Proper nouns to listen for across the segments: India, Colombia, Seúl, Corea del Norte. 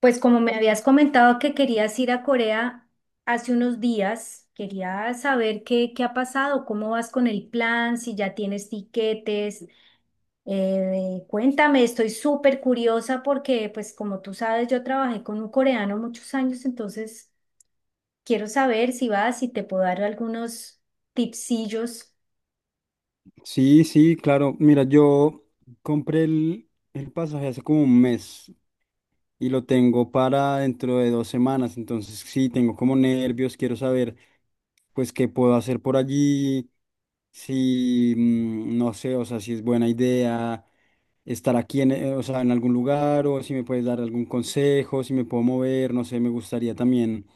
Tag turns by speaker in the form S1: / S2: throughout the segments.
S1: Pues como me habías comentado que querías ir a Corea hace unos días, quería saber qué ha pasado, cómo vas con el plan, si ya tienes tiquetes. Cuéntame, estoy súper curiosa porque, pues como tú sabes, yo trabajé con un coreano muchos años, entonces quiero saber si vas, si te puedo dar algunos tipsillos.
S2: Sí, sí, claro. Mira, yo compré el pasaje hace como un mes y lo tengo para dentro de dos semanas. Entonces, sí, tengo como nervios, quiero saber, pues, qué puedo hacer por allí, si, no sé, o sea, si es buena idea estar aquí, o sea, en algún lugar o si me puedes dar algún consejo, si me puedo mover, no sé, me gustaría también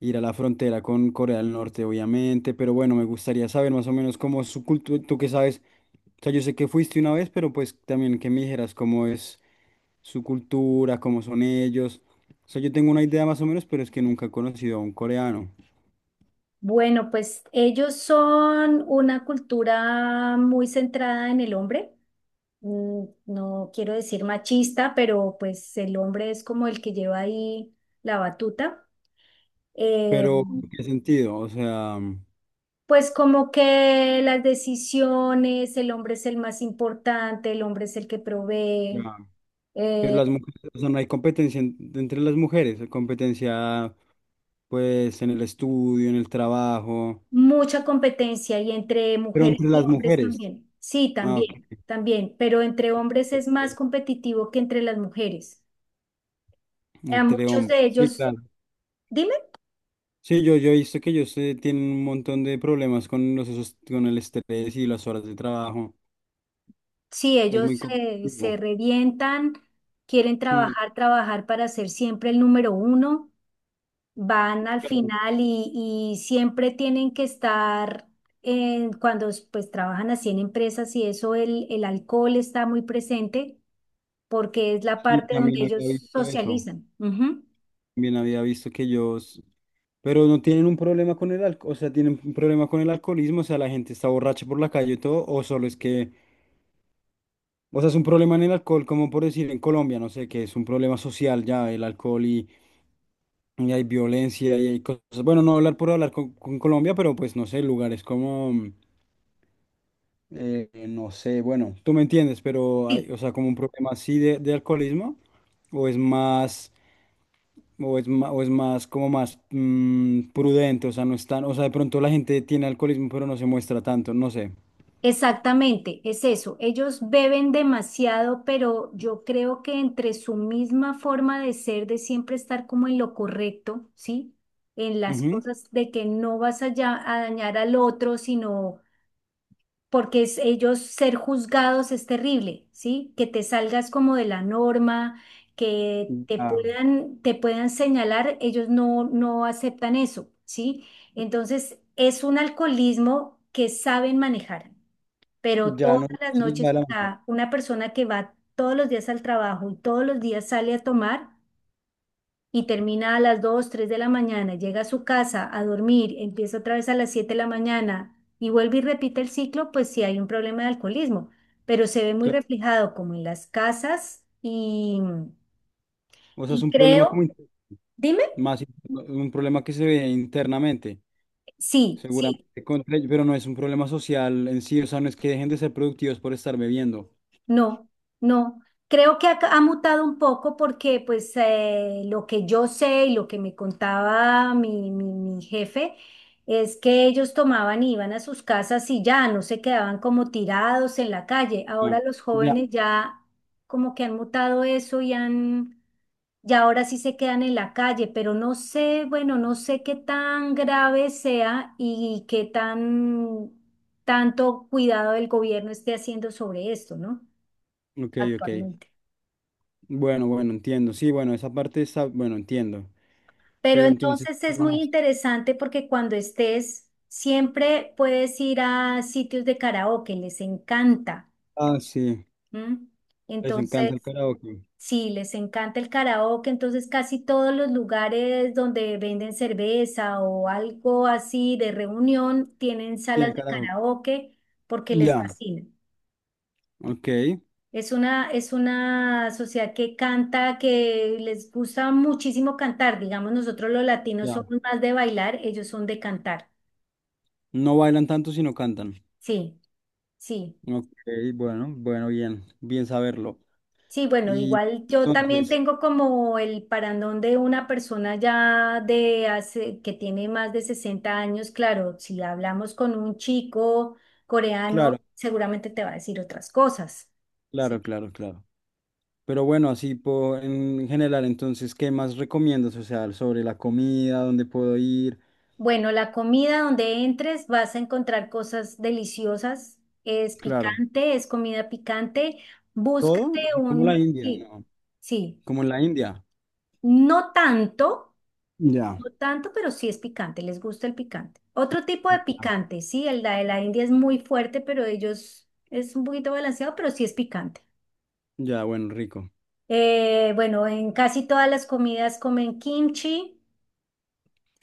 S2: ir a la frontera con Corea del Norte, obviamente, pero bueno, me gustaría saber más o menos cómo es su cultura, tú que sabes sea, yo sé que fuiste una vez, pero pues también que me dijeras cómo es su cultura, cómo son ellos. O sea, yo tengo una idea más o menos, pero es que nunca he conocido a un coreano.
S1: Bueno, pues ellos son una cultura muy centrada en el hombre. Mm, no quiero decir machista, pero pues el hombre es como el que lleva ahí la batuta. Eh,
S2: Pero, ¿en qué sentido? O sea,
S1: pues como que las decisiones, el hombre es el más importante, el hombre es el que provee.
S2: ya. Pero
S1: eh,
S2: las mujeres, o sea, no hay competencia entre las mujeres, hay competencia pues en el estudio, en el trabajo,
S1: Mucha competencia y entre
S2: pero
S1: mujeres
S2: entre
S1: y
S2: las
S1: hombres
S2: mujeres.
S1: también. Sí,
S2: Ah, ok,
S1: también,
S2: ok,
S1: también, pero entre hombres es
S2: ok,
S1: más competitivo que entre las mujeres.
S2: ok.
S1: A
S2: Entre
S1: muchos
S2: hombres.
S1: de
S2: Sí,
S1: ellos,
S2: claro.
S1: dime,
S2: Sí, yo he visto que ellos tienen un montón de problemas con con el estrés y las horas de trabajo.
S1: sí,
S2: Es muy
S1: ellos se
S2: complicado.
S1: revientan, quieren
S2: Mm,
S1: trabajar, trabajar para ser siempre el número uno, van al
S2: claro.
S1: final y siempre tienen que estar, cuando pues trabajan así en empresas y eso, el alcohol está muy presente porque es la
S2: Sí,
S1: parte donde
S2: también había
S1: ellos
S2: visto eso.
S1: socializan. Ujú.
S2: También había visto que ellos, pero no tienen un problema con el alcohol, o sea, tienen un problema con el alcoholismo, o sea, la gente está borracha por la calle y todo, o solo es que, o sea, es un problema en el alcohol, como por decir en Colombia, no sé, que es un problema social ya, el alcohol y hay violencia y hay cosas. Bueno, no hablar por hablar con Colombia, pero pues no sé, lugares como no sé, bueno, tú me entiendes, pero hay,
S1: Sí,
S2: o sea, como un problema así de alcoholismo, o es más, o es más, como más prudente, o sea, no es tan, o sea, de pronto la gente tiene alcoholismo, pero no se muestra tanto, no sé.
S1: exactamente, es eso. Ellos beben demasiado, pero yo creo que entre su misma forma de ser, de siempre estar como en lo correcto, ¿sí? En las
S2: Ujú.
S1: cosas de que no vas a, a dañar al otro, sino porque ellos ser juzgados es terrible, ¿sí? Que te salgas como de la norma, que
S2: Ya,
S1: te puedan señalar, ellos no, no aceptan eso, ¿sí? Entonces, es un alcoholismo que saben manejar, pero
S2: ya
S1: todas
S2: no
S1: las
S2: se les va
S1: noches,
S2: de la
S1: o
S2: mano.
S1: sea, una persona que va todos los días al trabajo y todos los días sale a tomar, y termina a las 2 o 3 de la mañana, llega a su casa a dormir, empieza otra vez a las 7 de la mañana y vuelve y repite el ciclo, pues sí hay un problema de alcoholismo, pero se ve muy
S2: Claro.
S1: reflejado como en las casas
S2: O sea, es
S1: y
S2: un problema como
S1: creo, dime,
S2: más in- un problema que se ve internamente,
S1: sí, sí,
S2: seguramente contra ellos, pero no es un problema social en sí, o sea, no es que dejen de ser productivos por estar bebiendo.
S1: no, no. Creo que ha mutado un poco porque pues lo que yo sé y lo que me contaba mi jefe es que ellos tomaban y iban a sus casas y ya no se quedaban como tirados en la calle.
S2: Ah,
S1: Ahora los
S2: ya,
S1: jóvenes ya como que han mutado eso y han, ya ahora sí se quedan en la calle, pero no sé, bueno, no sé qué tan grave sea y qué tan tanto cuidado el gobierno esté haciendo sobre esto, ¿no?
S2: ok, ok.
S1: Actualmente.
S2: Bueno, bueno, entiendo. Sí, bueno, esa parte está, bueno, entiendo.
S1: Pero
S2: Pero entonces,
S1: entonces
S2: ¿qué
S1: es muy
S2: más?
S1: interesante porque cuando estés, siempre puedes ir a sitios de karaoke, les encanta.
S2: Ah, sí,
S1: ¿M?
S2: les encanta el
S1: Entonces,
S2: karaoke.
S1: sí, les encanta el karaoke, entonces casi todos los lugares donde venden cerveza o algo así de reunión tienen
S2: Tiene
S1: salas de
S2: karaoke.
S1: karaoke porque les
S2: Ya,
S1: fascina.
S2: ok,
S1: Es una sociedad que canta, que les gusta muchísimo cantar. Digamos, nosotros los latinos
S2: ya.
S1: somos más de bailar, ellos son de cantar.
S2: No bailan tanto, sino cantan.
S1: Sí, sí.
S2: Ok, bueno, bueno, bien, bien saberlo.
S1: Sí, bueno,
S2: Y
S1: igual yo también
S2: entonces,
S1: tengo como el parandón de una persona ya de hace, que tiene más de 60 años. Claro, si hablamos con un chico coreano,
S2: claro,
S1: seguramente te va a decir otras cosas. Sí.
S2: claro, claro, claro. Pero bueno, en general, entonces, ¿qué más recomiendas? O sea, sobre la comida, dónde puedo ir,
S1: Bueno, la comida donde entres vas a encontrar cosas deliciosas. Es
S2: claro.
S1: picante, es comida picante. Búscate
S2: Todo, así como la
S1: un,
S2: India,
S1: sí,
S2: ¿no?
S1: sí,
S2: Como en la India.
S1: no tanto,
S2: Ya.
S1: no tanto, pero sí es picante, les gusta el picante. Otro tipo de picante, sí, el de la India es muy fuerte, pero ellos es un poquito balanceado, pero sí es picante.
S2: Ya, bueno, rico.
S1: Bueno, en casi todas las comidas comen kimchi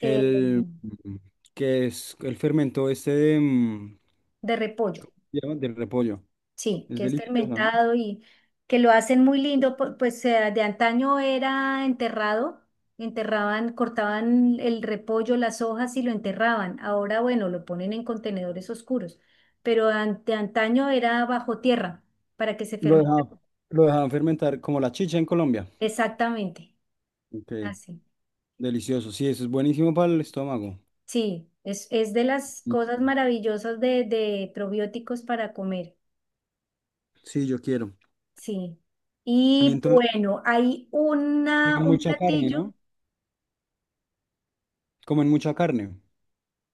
S1: eh,
S2: que es el fermento este de,
S1: de repollo.
S2: ¿cómo se llama? Del repollo.
S1: Sí,
S2: Es
S1: que es
S2: delicioso, ¿no?
S1: fermentado y que lo hacen muy lindo, pues de antaño era enterrado, enterraban, cortaban el repollo, las hojas y lo enterraban. Ahora, bueno, lo ponen en contenedores oscuros, pero de antaño era bajo tierra para que se
S2: Lo
S1: fermente.
S2: dejaban, lo dejaban fermentar como la chicha en Colombia.
S1: Exactamente,
S2: Ok,
S1: así.
S2: delicioso. Sí, eso es buenísimo para el estómago.
S1: Sí, es de las cosas maravillosas de probióticos para comer,
S2: Sí, yo quiero.
S1: sí.
S2: Y
S1: Y
S2: entonces
S1: bueno, hay una,
S2: comen
S1: un
S2: mucha carne,
S1: platillo.
S2: ¿no? Comen mucha carne.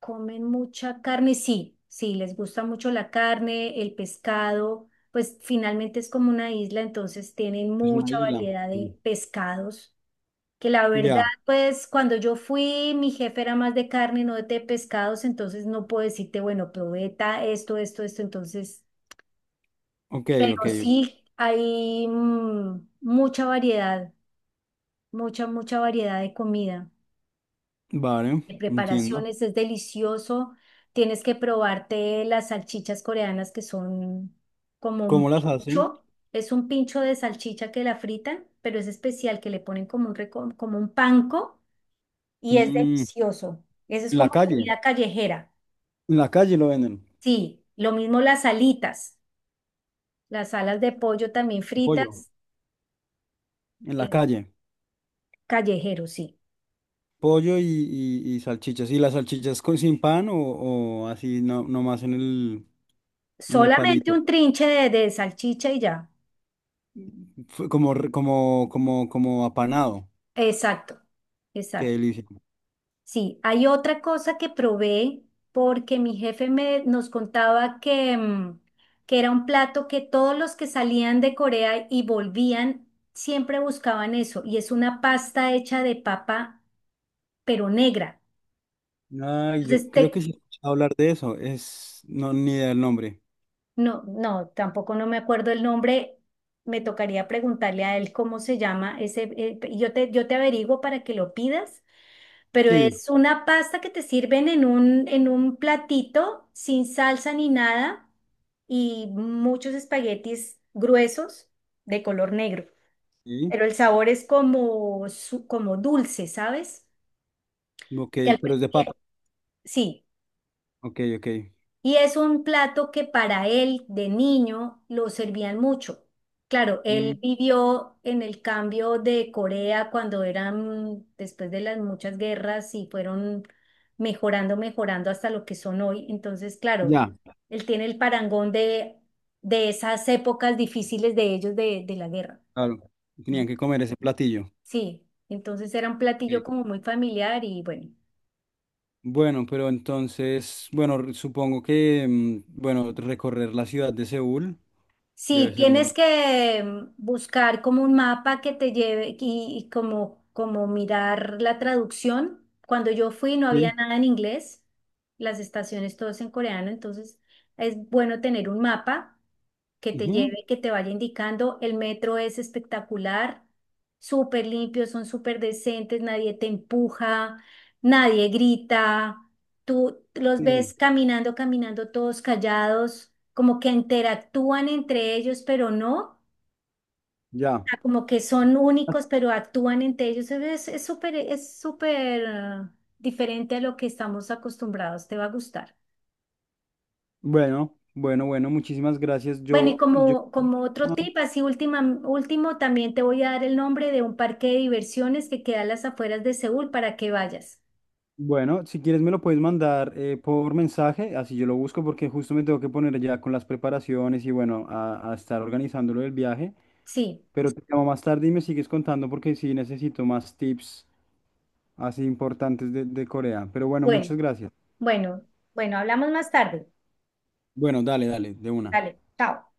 S1: Comen mucha carne, sí, sí, les gusta mucho la carne, el pescado, pues finalmente es como una isla, entonces tienen
S2: Es una
S1: mucha
S2: isla.
S1: variedad
S2: Sí.
S1: de pescados, que la verdad,
S2: Ya,
S1: pues cuando yo fui, mi jefe era más de carne, no de pescados, entonces no puedo decirte, bueno, esto, esto, esto, entonces,
S2: ok,
S1: pero
S2: ok.
S1: sí hay mucha variedad, mucha variedad de comida.
S2: Vale,
S1: De
S2: entiendo.
S1: preparaciones, es delicioso. Tienes que probarte las salchichas coreanas que son como un
S2: ¿Cómo las hacen?
S1: pincho, es un pincho de salchicha que la fritan, pero es especial, que le ponen como un, como un panko y es
S2: Mm,
S1: delicioso. Eso es
S2: en la
S1: como
S2: calle.
S1: comida callejera.
S2: En la calle lo venden.
S1: Sí, lo mismo las alitas, las alas de pollo también
S2: Pollo.
S1: fritas,
S2: En la
S1: es
S2: calle.
S1: callejero, sí.
S2: Pollo y salchichas. ¿Y las salchichas con, sin pan o así no, nomás en el
S1: Solamente
S2: palito?
S1: un trinche de salchicha y ya.
S2: Fue Como, como, como, como apanado.
S1: Exacto,
S2: Qué
S1: exacto.
S2: delicia.
S1: Sí, hay otra cosa que probé porque mi jefe me, nos contaba que, que era un plato que todos los que salían de Corea y volvían siempre buscaban eso, y es una pasta hecha de papa, pero negra.
S2: Ay, yo
S1: Entonces
S2: creo que
S1: te,
S2: sí he escuchado hablar de eso. Es, no, ni idea del nombre.
S1: No, no, tampoco no me acuerdo el nombre. Me tocaría preguntarle a él cómo se llama ese. Y yo te averiguo para que lo pidas, pero
S2: Sí,
S1: es una pasta que te sirven en un platito sin salsa ni nada y muchos espaguetis gruesos de color negro.
S2: sí.
S1: Pero el sabor es como, como dulce, ¿sabes?
S2: Ok,
S1: Que al-
S2: pero
S1: prin-
S2: es de papa.
S1: sí.
S2: Ok, ok.
S1: Y es un plato que para él de niño lo servían mucho. Claro,
S2: Mm,
S1: él vivió en el cambio de Corea cuando eran, después de las muchas guerras y fueron mejorando, mejorando hasta lo que son hoy. Entonces, claro,
S2: ya,
S1: él tiene el parangón de esas épocas difíciles de ellos de la guerra.
S2: claro.
S1: ¿No?
S2: Tenían que comer ese platillo.
S1: Sí, entonces era un platillo
S2: Ok.
S1: como muy familiar y bueno.
S2: Bueno, pero entonces, bueno, supongo que, bueno, recorrer la ciudad de Seúl debe
S1: Sí,
S2: ser
S1: tienes
S2: un.
S1: que buscar como un mapa que te lleve y como, como mirar la traducción. Cuando yo fui no había
S2: Sí.
S1: nada en inglés, las estaciones todas en coreano, entonces es bueno tener un mapa que te lleve, que te vaya indicando. El metro es espectacular, súper limpio, son súper decentes, nadie te empuja, nadie grita, tú los
S2: Sí,
S1: ves caminando, caminando todos callados como que interactúan entre ellos, pero no,
S2: ya.
S1: sea, como que son únicos, pero actúan entre ellos. Es súper, es súper diferente a lo que estamos acostumbrados, te va a gustar.
S2: Bueno, bueno, bueno, muchísimas gracias.
S1: Bueno, y
S2: Yo,
S1: como, como otro
S2: ah,
S1: tip, así última, último, también te voy a dar el nombre de un parque de diversiones que queda a las afueras de Seúl para que vayas.
S2: bueno, si quieres me lo puedes mandar por mensaje, así yo lo busco porque justo me tengo que poner ya con las preparaciones y bueno, a estar organizándolo del viaje.
S1: Sí,
S2: Pero te llamo más tarde y me sigues contando porque sí necesito más tips así importantes de Corea. Pero bueno, muchas
S1: bueno,
S2: gracias.
S1: bueno, bueno, hablamos más tarde.
S2: Bueno, dale, dale, de una.
S1: Dale, chao.